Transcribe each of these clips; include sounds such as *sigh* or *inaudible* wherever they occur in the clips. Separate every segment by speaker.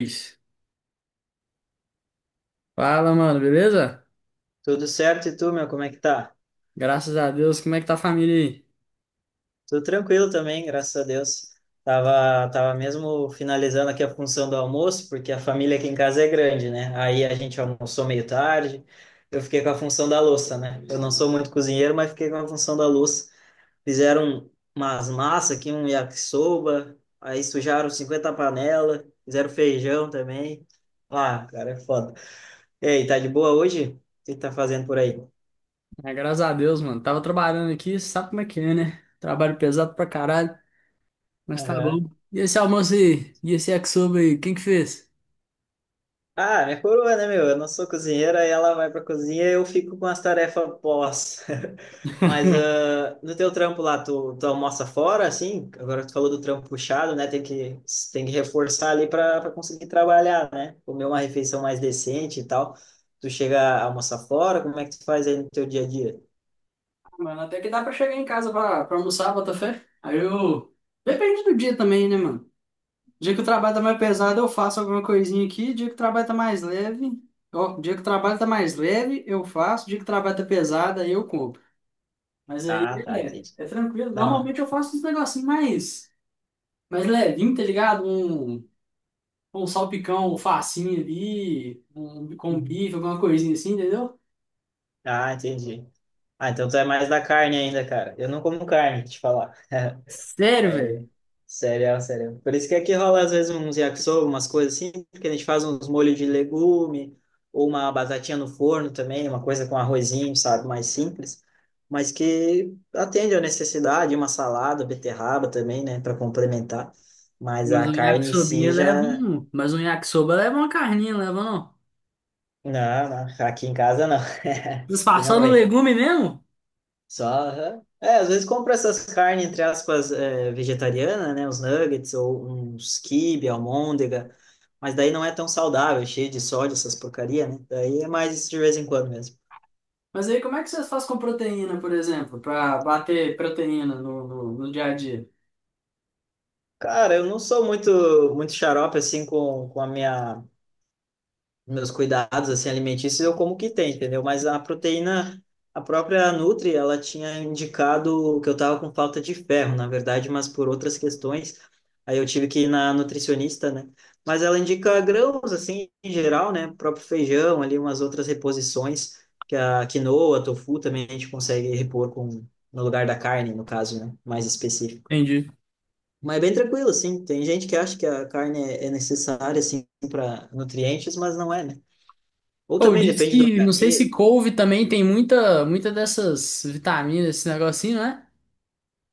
Speaker 1: Luiz. Fala, mano, beleza?
Speaker 2: Tudo certo, e tu, meu, como é que tá?
Speaker 1: Graças a Deus, como é que tá a família aí?
Speaker 2: Tudo tranquilo também, graças a Deus. Tava mesmo finalizando aqui a função do almoço, porque a família aqui em casa é grande, né? Aí a gente almoçou meio tarde, eu fiquei com a função da louça, né? Eu não sou muito cozinheiro, mas fiquei com a função da louça. Fizeram umas massas aqui, um yakisoba, aí sujaram 50 panelas, fizeram feijão também. Ah, cara, é foda. E aí, tá de boa hoje? O que que tá fazendo por aí?
Speaker 1: É, graças a Deus, mano. Tava trabalhando aqui, sabe como é que é, né? Trabalho pesado pra caralho, mas tá bom. E esse almoço aí? E esse yakisoba aí? Quem que fez?
Speaker 2: Ah, minha coroa, né, meu? Eu não sou cozinheira, e ela vai pra cozinha e eu fico com as tarefas pós. *laughs* Mas no teu trampo lá, tu almoça fora, assim? Agora tu falou do trampo puxado, né? Tem que reforçar ali pra conseguir trabalhar, né? Comer uma refeição mais decente e tal. Tu chega a almoçar fora, como é que tu faz aí no teu dia a dia?
Speaker 1: Ah, mano, até que dá pra chegar em casa pra almoçar, bota fé. Aí eu... Depende do dia também, né, mano? Dia que o trabalho tá mais pesado, eu faço alguma coisinha aqui. Dia que o trabalho tá mais leve... Ó, dia que o trabalho tá mais leve, eu faço. Dia que o trabalho tá pesado, aí eu compro. Mas aí
Speaker 2: Ah, tá,
Speaker 1: é,
Speaker 2: entendi.
Speaker 1: é tranquilo.
Speaker 2: Dá uma.
Speaker 1: Normalmente eu faço uns negocinhos mais, mais levinho, tá ligado? Um salpicão, um facinho ali, um, com um
Speaker 2: Uhum.
Speaker 1: bife, alguma coisinha assim, entendeu?
Speaker 2: Ah, entendi. Ah, então tu é mais da carne ainda, cara. Eu não como carne, te falar.
Speaker 1: Sério, velho?
Speaker 2: É, sério, sério. Por isso que aqui rola às vezes uns yakisoba, umas coisas assim, porque a gente faz uns molhos de legume, ou uma batatinha no forno também, uma coisa com arrozinho, sabe, mais simples, mas que atende à necessidade, uma salada, beterraba também, né, para complementar. Mas
Speaker 1: Mas
Speaker 2: a
Speaker 1: um
Speaker 2: carne em
Speaker 1: yakisobia
Speaker 2: si
Speaker 1: leva
Speaker 2: já.
Speaker 1: um. Mas um yakisoba leva uma carninha, não leva não.
Speaker 2: Não, não, aqui em casa não. *laughs* E não
Speaker 1: Disfarçando o
Speaker 2: vem.
Speaker 1: legume mesmo?
Speaker 2: Só, aham. É, às vezes compra essas carnes, entre aspas, é, vegetariana, né? Os nuggets ou uns quibe, almôndega. Mas daí não é tão saudável, é cheio de sódio, essas porcaria, né? Daí é mais de vez em quando mesmo.
Speaker 1: Mas aí como é que vocês fazem com proteína, por exemplo, pra bater proteína no, no, no dia a dia?
Speaker 2: Cara, eu não sou muito, muito xarope, assim, com a minha... meus cuidados assim alimentícios eu como o que tem, entendeu? Mas a proteína, a própria Nutri, ela tinha indicado que eu tava com falta de ferro, na verdade, mas por outras questões. Aí eu tive que ir na nutricionista, né? Mas ela indica grãos assim em geral, né? O próprio feijão, ali umas outras reposições que a quinoa, tofu também a gente consegue repor com no lugar da carne, no caso, né? Mais específico.
Speaker 1: Entendi.
Speaker 2: Mas é bem tranquilo, assim. Tem gente que acha que a carne é necessária, assim, para nutrientes, mas não é, né? Ou
Speaker 1: Ou
Speaker 2: também
Speaker 1: disse
Speaker 2: depende do
Speaker 1: que, não sei se
Speaker 2: organismo.
Speaker 1: couve também tem muita, muita dessas vitaminas, esse negocinho, né?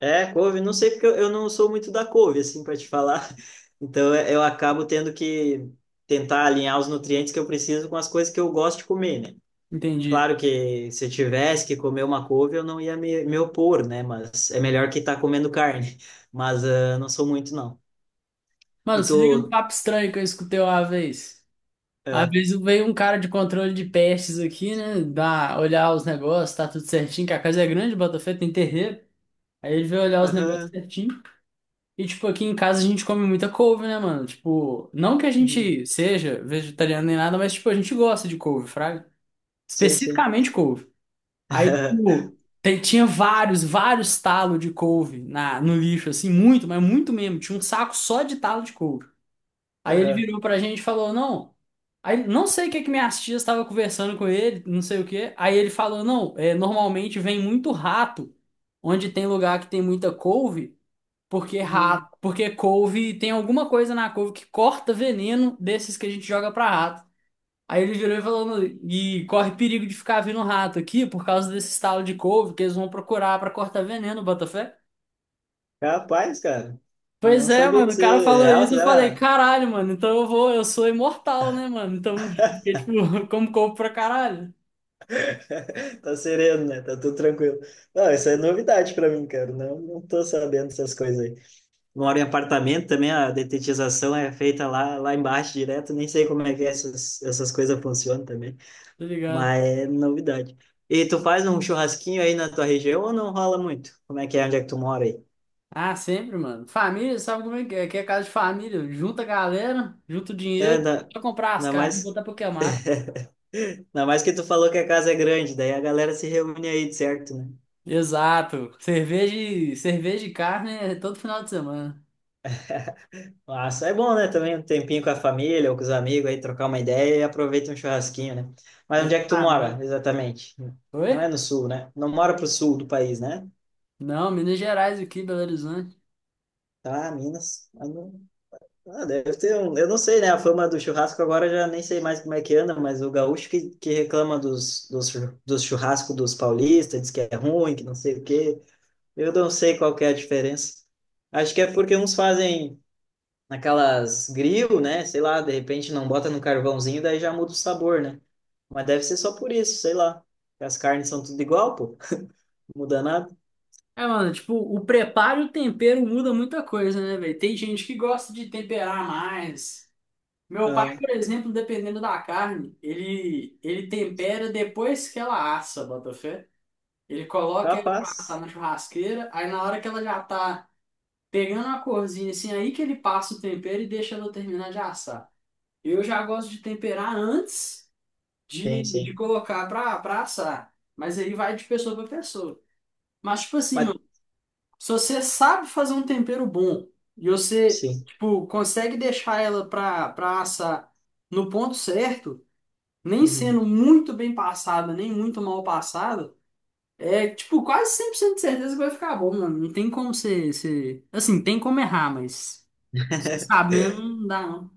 Speaker 2: É, couve, não sei porque eu não sou muito da couve, assim, para te falar. *laughs* Então eu acabo tendo que tentar alinhar os nutrientes que eu preciso com as coisas que eu gosto de comer, né?
Speaker 1: Entendi.
Speaker 2: Claro que se eu tivesse que comer uma couve, eu não ia me opor, né? Mas é melhor que estar tá comendo carne. *laughs* Mas não sou muito, não.
Speaker 1: Mano,
Speaker 2: E
Speaker 1: se liga no
Speaker 2: tu.
Speaker 1: papo estranho que eu escutei uma vez. Uma
Speaker 2: ah,
Speaker 1: vez veio um cara de controle de pestes aqui, né? Dá, olhar os negócios, tá tudo certinho, que a casa é grande, Botafé tem terreiro. Aí ele veio olhar os negócios
Speaker 2: Aham.
Speaker 1: certinho. E, tipo, aqui em casa a gente come muita couve, né, mano? Tipo, não que a
Speaker 2: Uhum,
Speaker 1: gente seja vegetariano nem nada, mas, tipo, a gente gosta de couve, fraga.
Speaker 2: sim, sim.
Speaker 1: Especificamente couve. Aí,
Speaker 2: *laughs*
Speaker 1: tipo, tinha vários, vários talos de couve na, no lixo, assim, muito, mas muito mesmo. Tinha um saco só de talo de couve. Aí ele
Speaker 2: Aham.
Speaker 1: virou pra gente e falou, não. Aí não sei o que que minhas tias estavam conversando com ele, não sei o que. Aí ele falou, não, é, normalmente vem muito rato, onde tem lugar que tem muita couve, porque
Speaker 2: Uhum.
Speaker 1: rato, porque couve tem alguma coisa na couve que corta veneno desses que a gente joga pra rato. Aí ele virou e falou, "Não, e corre perigo de ficar vindo rato aqui por causa desse estalo de couve que eles vão procurar pra cortar veneno, bota fé.
Speaker 2: Capaz, cara.
Speaker 1: Pois
Speaker 2: Não
Speaker 1: é,
Speaker 2: sabia
Speaker 1: mano, o
Speaker 2: disso.
Speaker 1: cara falou
Speaker 2: Real,
Speaker 1: isso, eu falei,
Speaker 2: será?
Speaker 1: caralho, mano, então eu vou, eu sou imortal, né, mano? Então, *laughs*
Speaker 2: *laughs*
Speaker 1: porque, tipo, como corpo pra caralho,
Speaker 2: *laughs* Tá sereno, né? Tá tudo tranquilo. Não, isso é novidade pra mim, cara. Não, não tô sabendo essas coisas aí. Moro em apartamento também, a detetização é feita lá, lá embaixo direto. Nem sei como é que essas coisas funcionam também,
Speaker 1: tá ligado?
Speaker 2: mas é novidade. E tu faz um churrasquinho aí na tua região ou não rola muito? Como é que é? Onde é que tu mora aí?
Speaker 1: Ah, sempre, mano. Família, sabe como é que é? Aqui é casa de família, junta a galera, junta o
Speaker 2: É,
Speaker 1: dinheiro,
Speaker 2: ainda,
Speaker 1: pra comprar as
Speaker 2: ainda
Speaker 1: carnes e
Speaker 2: mais,
Speaker 1: botar pra queimar.
Speaker 2: *laughs* ainda mais que tu falou que a casa é grande, daí a galera se reúne aí, de certo, né?
Speaker 1: Exato. Cerveja e carne é todo final de semana.
Speaker 2: Massa, é bom, né? Também um tempinho com a família ou com os amigos aí, trocar uma ideia e aproveita um churrasquinho, né? Mas onde é que tu mora,
Speaker 1: Exatamente.
Speaker 2: exatamente? Não é
Speaker 1: Oi?
Speaker 2: no sul, né? Não mora pro sul do país, né?
Speaker 1: Não, Minas Gerais aqui, Belo Horizonte.
Speaker 2: Tá, Minas. Ah, deve ter um... Eu não sei, né? A fama do churrasco agora eu já nem sei mais como é que anda, mas o gaúcho que reclama dos, dos, dos churrascos dos paulistas, diz que é ruim, que não sei o quê. Eu não sei qual que é a diferença. Acho que é porque uns fazem naquelas grill, né? Sei lá, de repente não bota no carvãozinho, daí já muda o sabor, né? Mas deve ser só por isso, sei lá. As carnes são tudo igual, pô. Não muda nada.
Speaker 1: É, mano, tipo, o preparo e o tempero muda muita coisa, né, velho? Tem gente que gosta de temperar mais. Meu pai,
Speaker 2: Ah,
Speaker 1: por exemplo, dependendo da carne, ele tempera depois que ela assa, botafé. Ele coloca ela pra assar
Speaker 2: capaz.
Speaker 1: na churrasqueira, aí na hora que ela já tá pegando a corzinha, assim, aí que ele passa o tempero e deixa ela terminar de assar. Eu já gosto de temperar antes
Speaker 2: Sim,
Speaker 1: de
Speaker 2: sim.
Speaker 1: colocar pra assar, mas aí vai de pessoa pra pessoa. Mas, tipo assim,
Speaker 2: Mas,
Speaker 1: mano, se você sabe fazer um tempero bom e você,
Speaker 2: sim.
Speaker 1: tipo, consegue deixar ela pra assar no ponto certo, nem
Speaker 2: Uhum.
Speaker 1: sendo muito bem passada, nem muito mal passada, é tipo quase 100% de certeza que vai ficar bom, mano. Não tem como você... Assim, tem como errar, mas se sabendo, não dá não.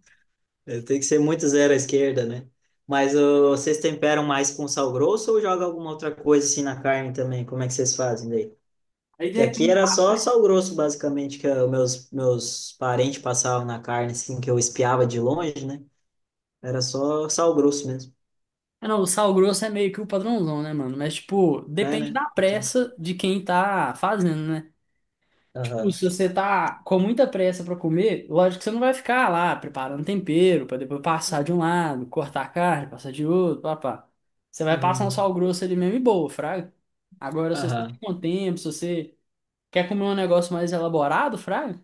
Speaker 2: É, tem que ser muito zero à esquerda, né? Mas ô, vocês temperam mais com sal grosso ou joga alguma outra coisa assim na carne também? Como é que vocês fazem daí?
Speaker 1: Aí
Speaker 2: Que aqui
Speaker 1: depende
Speaker 2: era
Speaker 1: da
Speaker 2: só
Speaker 1: pressa.
Speaker 2: sal grosso, basicamente, que os meus parentes passavam na carne, assim, que eu espiava de longe, né? Era só sal grosso mesmo.
Speaker 1: É, não, o sal grosso é meio que o padrãozão, né, mano? Mas, tipo,
Speaker 2: É,
Speaker 1: depende
Speaker 2: né?
Speaker 1: da
Speaker 2: Então,
Speaker 1: pressa de quem tá fazendo, né? Tipo,
Speaker 2: aham.
Speaker 1: se você tá com muita pressa pra comer, lógico que você não vai ficar lá preparando tempero pra depois passar de um lado, cortar a carne, passar de outro, papá. Você vai passar um
Speaker 2: Uhum,
Speaker 1: sal grosso ali mesmo e boa, fraga. Agora, se você tem
Speaker 2: aham,
Speaker 1: um tempo, se você quer comer um negócio mais elaborado, fraga,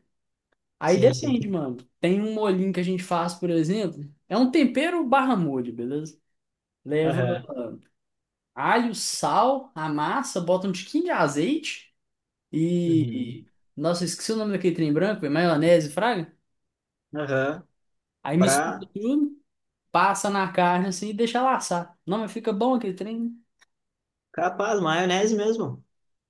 Speaker 1: aí
Speaker 2: sim, sim.
Speaker 1: depende, mano. Tem um molhinho que a gente faz, por exemplo, é um tempero barra molho, beleza? Leva
Speaker 2: Aham,
Speaker 1: alho, sal, a massa, bota um tiquinho de azeite e...
Speaker 2: uhum.
Speaker 1: Nossa, eu esqueci o nome daquele trem branco, é maionese, fraga?
Speaker 2: Aham.
Speaker 1: Aí mistura
Speaker 2: Pra.
Speaker 1: tudo, passa na carne assim e deixa laçar. Não, mas fica bom aquele trem. Né?
Speaker 2: Capaz, maionese mesmo.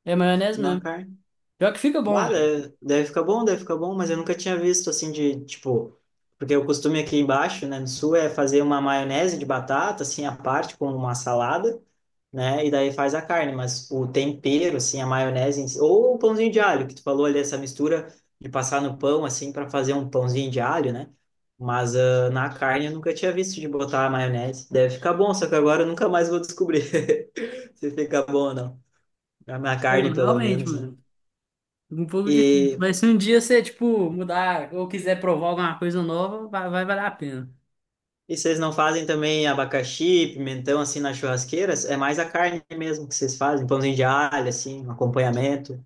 Speaker 1: É maionese
Speaker 2: Na
Speaker 1: mesmo.
Speaker 2: carne.
Speaker 1: Pior que fica bom,
Speaker 2: Bah,
Speaker 1: velho.
Speaker 2: deve, deve ficar bom, mas eu nunca tinha visto assim de, tipo, porque o costume aqui embaixo, né, no sul é fazer uma maionese de batata, assim, à parte, com uma salada, né, e daí faz a carne, mas o tempero, assim, a maionese, em si- ou o pãozinho de alho, que tu falou ali, essa mistura de passar no pão, assim, para fazer um pãozinho de alho, né, mas ah, na carne eu nunca tinha visto de botar a maionese, deve ficar bom, só que agora eu nunca mais vou descobrir *laughs* se fica bom ou não, na minha carne, pelo
Speaker 1: Realmente,
Speaker 2: menos, né.
Speaker 1: mano. Um pouco difícil.
Speaker 2: E
Speaker 1: Mas se um dia você, tipo, mudar ou quiser provar alguma coisa nova, vai valer a pena.
Speaker 2: E vocês não fazem também abacaxi, pimentão assim nas churrasqueiras? É mais a carne mesmo que vocês fazem, um pãozinho de alho assim, um acompanhamento.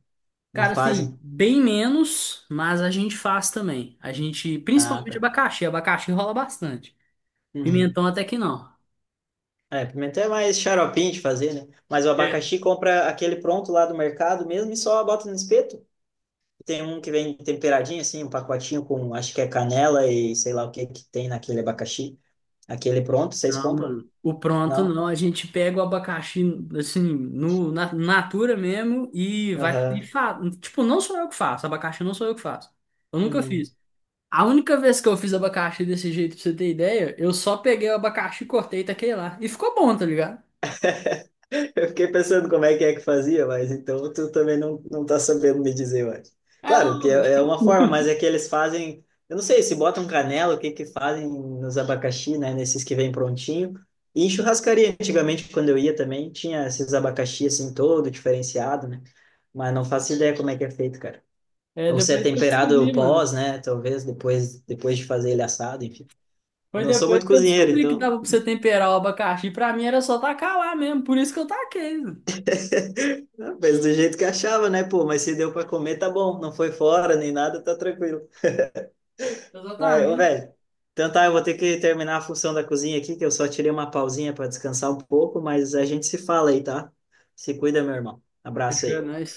Speaker 2: Não
Speaker 1: Cara, assim,
Speaker 2: fazem?
Speaker 1: bem menos, mas a gente faz também. A gente,
Speaker 2: Ah,
Speaker 1: principalmente
Speaker 2: tá.
Speaker 1: abacaxi. Abacaxi rola bastante.
Speaker 2: Uhum.
Speaker 1: Pimentão até que não.
Speaker 2: É, pimentão é mais xaropinho de fazer, né? Mas o abacaxi compra aquele pronto lá do mercado mesmo e só bota no espeto. Tem um que vem temperadinho assim, um pacotinho com acho que é canela e sei lá o que que tem naquele abacaxi. Aquele pronto, vocês
Speaker 1: Não,
Speaker 2: compram?
Speaker 1: mano. O pronto
Speaker 2: Não?
Speaker 1: não. A gente pega o abacaxi, assim, no, na natura mesmo e vai. E
Speaker 2: Aham.
Speaker 1: fa... Tipo, não sou eu que faço. Abacaxi não sou eu que faço. Eu nunca
Speaker 2: Uhum.
Speaker 1: fiz. A única vez que eu fiz abacaxi desse jeito, pra você ter ideia, eu só peguei o abacaxi, cortei e taquei lá. E ficou bom, tá ligado?
Speaker 2: Eu fiquei pensando como é que fazia, mas então tu também não, não tá sabendo me dizer, eu acho.
Speaker 1: É,
Speaker 2: Claro que é, é uma forma, mas é que eles fazem, eu não sei, se botam canela, o que que fazem nos abacaxi, né, nesses que vêm prontinho. E em churrascaria, antigamente, quando eu ia também, tinha esses abacaxi assim todo diferenciado, né? Mas não faço ideia como é que é feito, cara.
Speaker 1: é
Speaker 2: Ou se é
Speaker 1: depois que eu
Speaker 2: temperado
Speaker 1: descobri, mano.
Speaker 2: pós, né, talvez depois de fazer ele assado, enfim. Eu
Speaker 1: Foi
Speaker 2: não sou
Speaker 1: depois
Speaker 2: muito
Speaker 1: que eu
Speaker 2: cozinheiro,
Speaker 1: descobri que
Speaker 2: então
Speaker 1: dava pra você temperar o abacaxi. Pra mim era só tacar lá mesmo. Por isso que eu taquei, mano.
Speaker 2: não, fez do jeito que achava, né, pô? Mas se deu pra comer, tá bom. Não foi fora nem nada, tá tranquilo. Mas, ô,
Speaker 1: Exatamente.
Speaker 2: velho. Então tá, eu vou ter que terminar a função da cozinha aqui, que eu só tirei uma pausinha pra descansar um pouco, mas a gente se fala aí, tá? Se cuida, meu irmão. Abraço
Speaker 1: Fechou, é
Speaker 2: aí.
Speaker 1: nóis.